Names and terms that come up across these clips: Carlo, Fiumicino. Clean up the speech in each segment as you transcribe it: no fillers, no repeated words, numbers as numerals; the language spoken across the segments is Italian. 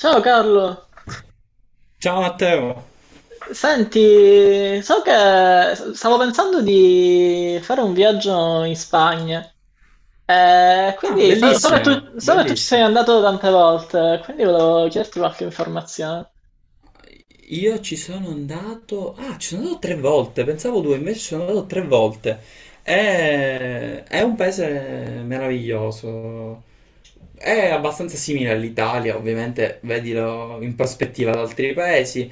Ciao Carlo, Ciao Matteo. senti, so che stavo pensando di fare un viaggio in Spagna. Ah, Quindi so, bellissimo, so che tu ci sei bellissimo. andato tante volte, quindi volevo chiederti qualche informazione. Io ci sono andato... Ah, ci sono andato tre volte, pensavo due, invece ci sono andato tre volte. È un paese meraviglioso. È abbastanza simile all'Italia, ovviamente, vedilo in prospettiva ad altri paesi.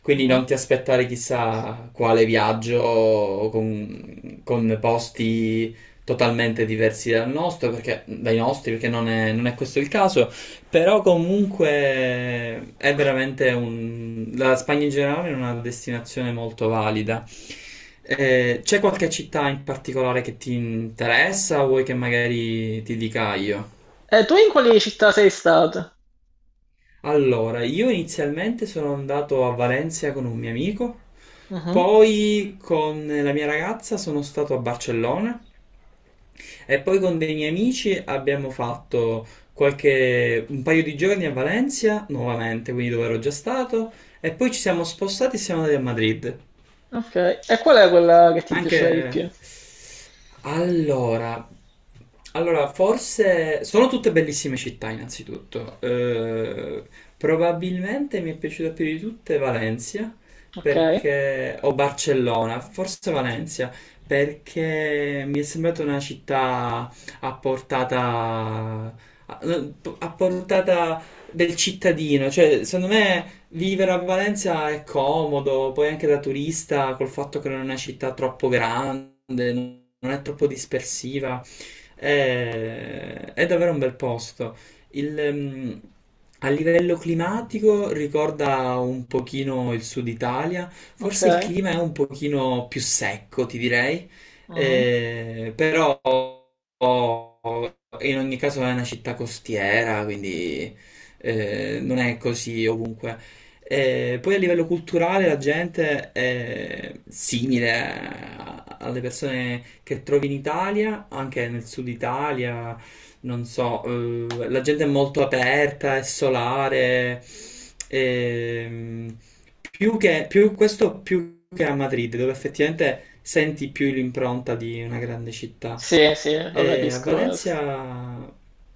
Quindi Mhm. non ti aspettare chissà quale viaggio con posti totalmente diversi dal nostro, perché, dai nostri, perché non è questo il caso. Però comunque è veramente un... La Spagna in generale è una destinazione molto valida. C'è qualche città in particolare che ti interessa o vuoi che magari ti dica io? E tu in quali città sei stato? Allora, io inizialmente sono andato a Valencia con un mio amico, Mhm. poi con la mia ragazza sono stato a Barcellona e poi con dei miei amici abbiamo fatto qualche, un paio di giorni a Valencia nuovamente, quindi dove ero già stato, e poi ci siamo spostati e siamo andati a Madrid. Ok, e qual è quella che ti piace di Anche... più? Allora, allora, forse sono tutte bellissime città innanzitutto. Probabilmente mi è piaciuta più di tutte Valencia Ok, perché... o Barcellona, forse Valencia, perché mi è sembrata una città a portata, a a portata del cittadino. Cioè, secondo me vivere a Valencia è comodo, poi anche da turista, col fatto che non è una città troppo grande, non è troppo dispersiva, è davvero un bel posto. Il, a livello climatico ricorda un pochino il sud Italia, ok. forse il clima è un pochino più secco, ti direi, Mhm. Però in ogni caso è una città costiera, quindi non è così ovunque. Poi a livello culturale la gente è simile alle persone che trovi in Italia, anche nel sud Italia, non so, la gente è molto aperta, è solare, ehm, più che, più, questo più che a Madrid, dove effettivamente senti più l'impronta di una grande città. Sì, sì, lo A capisco questo. Valencia,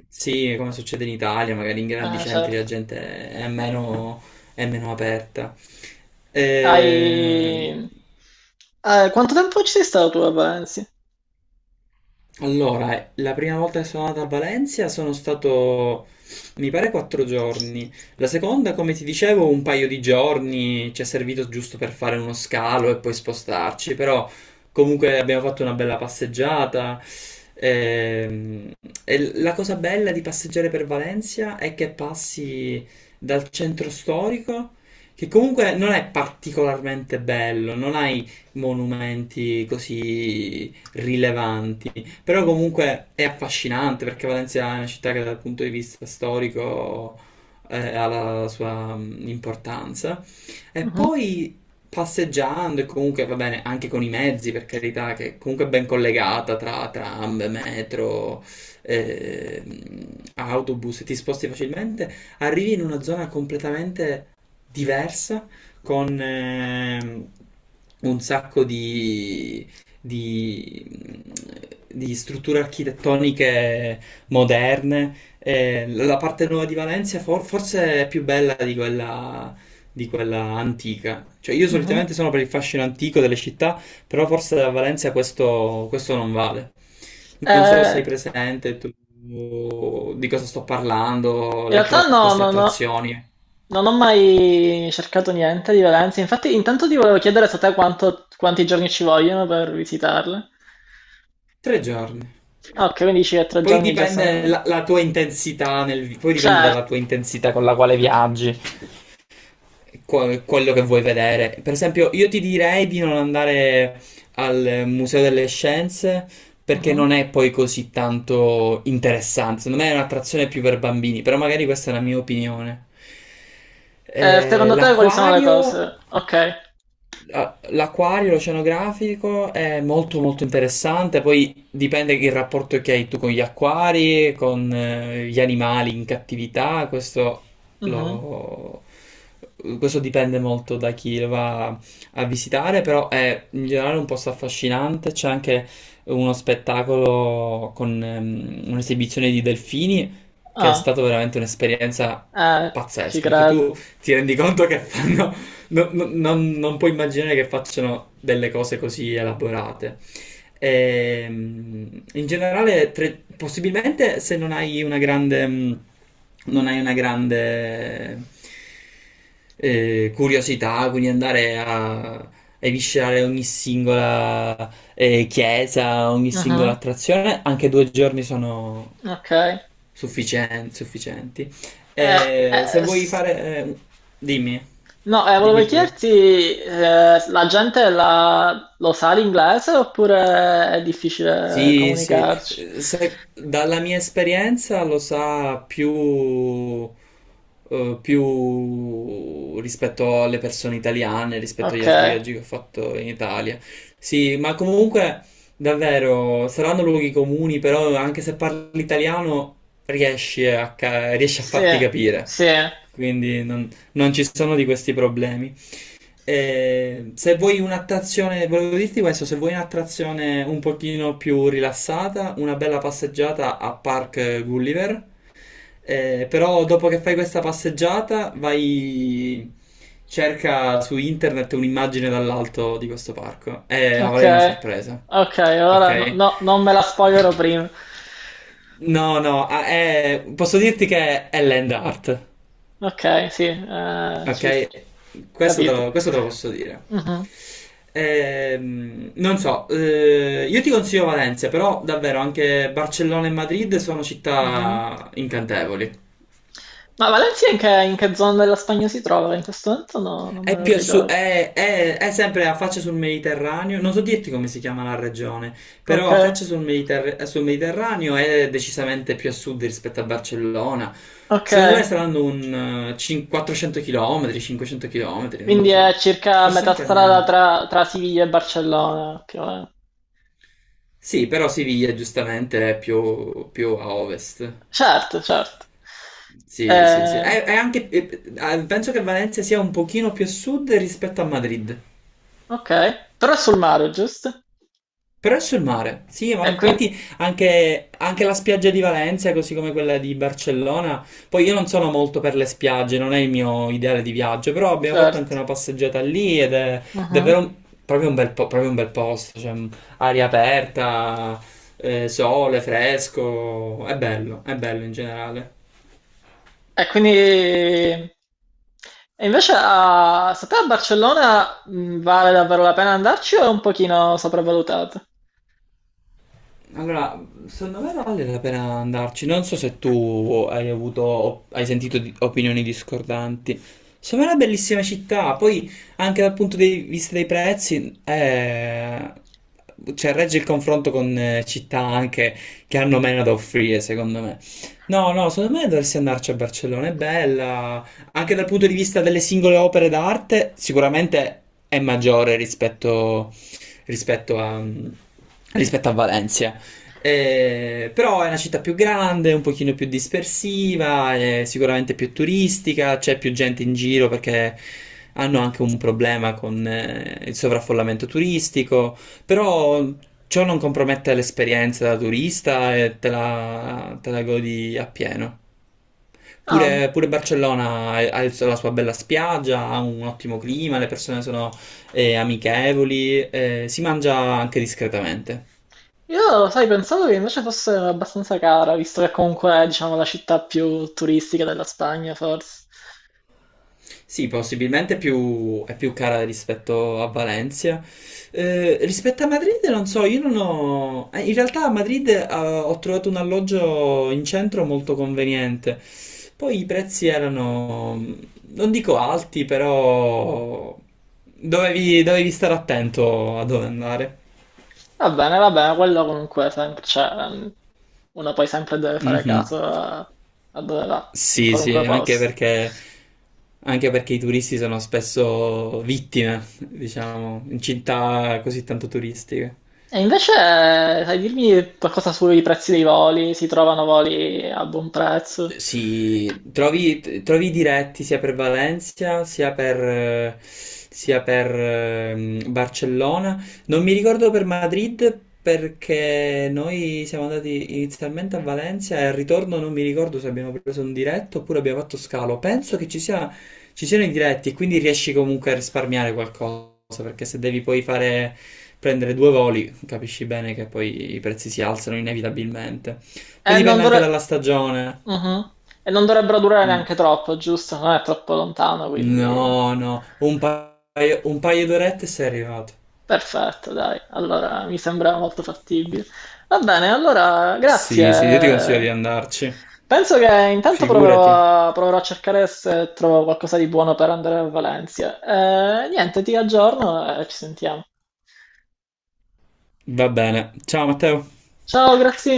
sì, come succede in Italia, magari in grandi Ah, centri certo. la gente è meno aperta. E Hai... Quanto tempo ci sei stato tu a Valencia? allora, la prima volta che sono andato a Valencia sono stato, mi pare, quattro giorni. La seconda, come ti dicevo, un paio di giorni ci è servito giusto per fare uno scalo e poi spostarci, però comunque abbiamo fatto una bella passeggiata. Ehm, E, la cosa bella di passeggiare per Valencia è che passi dal centro storico, che comunque non è particolarmente bello, non hai monumenti così rilevanti. Però comunque è affascinante perché Valencia è una città che dal punto di vista storico ha la sua importanza. E Mhm, poi passeggiando e comunque va bene anche con i mezzi, per carità, che comunque è ben collegata tra tram, metro, ehm, autobus e ti sposti facilmente, arrivi in una zona completamente diversa con un sacco di di, di strutture architettoniche moderne. La parte nuova di Valencia forse è più bella di quella antica. Cioè, io mhm. solitamente sono per il fascino antico delle città, però forse a Valencia questo non vale. Non so se Eh, sei presente tu di cosa sto parlando, In le realtà no, queste no, no, attrazioni. non ho mai cercato niente di Valencia. Infatti, intanto ti volevo chiedere se a te quanto- quanti giorni ci vogliono per visitarle. Tre giorni. Ah, ok, quindi dici che tre Poi giorni già dipende sono... la, la tua intensità nel, poi dipende dalla Certo. tua intensità con la quale viaggi. Quello che vuoi vedere. Per esempio, io ti direi di non andare al Museo delle Scienze perché Mhm. non è poi così tanto interessante. Secondo me è un'attrazione più per bambini, però magari questa è la mia opinione. Secondo te quali sono le L'acquario cose? Ok. Ah, l'acquario, l'oceanografico è molto molto interessante, poi dipende il rapporto che hai tu con gli acquari, con gli animali in cattività, Mhm. lo- questo dipende molto da chi lo va a visitare, però è in generale un posto affascinante, c'è anche uno spettacolo con un'esibizione di delfini che è Ah, stata veramente un'esperienza eh, ci pazzesca, perché tu credo. ti rendi conto che fanno non puoi immaginare che facciano delle cose così elaborate. In generale, possibilmente se non hai una grande, non hai una grande curiosità, quindi andare a eviscerare ogni singola chiesa, ogni singola Mhm. attrazione, anche due giorni sono Ok. Sufficienti. Se vuoi S- fare... eh, dimmi, no, dimmi Volevo pure. chiederti, la gente lo sa l'inglese oppure è difficile Sì, sì, comunicarci? Dalla mia esperienza lo sa più, più rispetto alle persone italiane, rispetto agli Ok, altri viaggi che ho fatto in Italia. Sì, ma comunque davvero saranno luoghi comuni, però anche se parli italiano riesci a, riesci a sì, farti capire, sì, quindi non ci sono di questi problemi. Se vuoi un'attrazione, volevo dirti questo, se vuoi un'attrazione un pochino più rilassata, una bella passeggiata a Park Gulliver, però dopo che fai questa passeggiata vai, cerca su internet un'immagine dall'alto di questo parco e ok, avrai una sorpresa, ok, ora ok? no, non me la spoilerò prima. No, no, ah, posso dirti che è land art. Ok, sì, Ok, capito. Questo te lo posso dire. Mhm, Non so, io ti consiglio Valencia, però davvero anche Barcellona e Madrid sono mhm. città incantevoli. Ma Valencia in che zona della Spagna si trova? In questo momento no, non me È lo più a su- ricordo. È sempre a faccia sul Mediterraneo, non so dirti come si chiama la regione, Ok, però a faccia sul Mediterraneo è decisamente più a sud rispetto a Barcellona. ok, Secondo me saranno un 400 km, 500 km, non quindi lo è so, circa a forse metà anche strada meno. tra, tra Siviglia e Barcellona, più o meno. Sì, però Siviglia giustamente è più, più a ovest. Certo, certo. Sì, sì, sì. Eh, Penso che Valencia sia un pochino più a sud rispetto a Madrid. ok, però è sul mare, giusto? Però è sul mare, sì, E ma quindi, infatti anche, anche la spiaggia di Valencia, così come quella di Barcellona, poi io non sono molto per le spiagge, non è il mio ideale di viaggio, però abbiamo fatto anche certo. una passeggiata lì ed è davvero Mhm. Proprio un proprio un bel posto, cioè aria aperta, sole fresco, è bello in generale. E invece a, sapere a Barcellona vale davvero la pena andarci o è un pochino sopravvalutato? Allora, secondo me vale la pena andarci. Non so se tu hai avuto, hai sentito opinioni discordanti. Secondo me è una bellissima città. Poi, anche dal punto di vista dei prezzi, cioè, regge il confronto con città anche che hanno meno da offrire, secondo me. No, no, secondo me dovresti andarci a Barcellona. È bella. Anche dal punto di vista delle singole opere d'arte, sicuramente è maggiore rispetto a, rispetto a Valencia. Però è una città più grande, un pochino più dispersiva, è sicuramente più turistica, c'è più gente in giro perché hanno anche un problema con il sovraffollamento turistico, però ciò non compromette l'esperienza da turista e te la godi appieno. Pure, Ah, pure Barcellona ha la sua bella spiaggia, ha un ottimo clima, le persone sono amichevoli, si mangia anche discretamente. io, sai, pensavo che invece fosse abbastanza cara, visto che comunque è, diciamo, la città più turistica della Spagna, forse. Sì, possibilmente più è più cara rispetto a Valencia. Rispetto a Madrid, non so, io non ho... in realtà a Madrid, ho trovato un alloggio in centro molto conveniente. Poi i prezzi erano, non dico alti, però dovevi stare attento a dove andare. Va bene, quello comunque sempre, cioè, uno poi sempre deve fare Mhm. caso a, a dove va, in Sì, sì, qualunque posto. Anche perché i turisti sono spesso vittime, diciamo, in città così tanto turistiche. E invece, sai dirmi qualcosa sui prezzi dei voli? Si trovano voli a buon prezzo? Sì, trovi i diretti sia per Valencia sia per, Barcellona. Non mi ricordo per Madrid perché noi siamo andati inizialmente a Valencia e al ritorno non mi ricordo se abbiamo preso un diretto oppure abbiamo fatto scalo. Penso che ci siano i diretti e quindi riesci comunque a risparmiare qualcosa perché se devi poi fare, prendere due voli capisci bene che poi i prezzi si alzano inevitabilmente. E Poi non, dipende anche dovre- dalla stagione. Mhm. E non dovrebbero durare Mm. neanche troppo, giusto? Non è troppo lontano, quindi... No, no, un paio d'orette sei arrivato. Perfetto, dai. Allora, mi sembra molto fattibile. Va bene, allora, Sì, sì, io ti consiglio di grazie. andarci. Penso che intanto Figurati. Proverò a cercare se trovo qualcosa di buono per andare a Valencia. Niente, ti aggiorno e ci sentiamo. Va bene. Ciao Matteo. Ciao, grazie.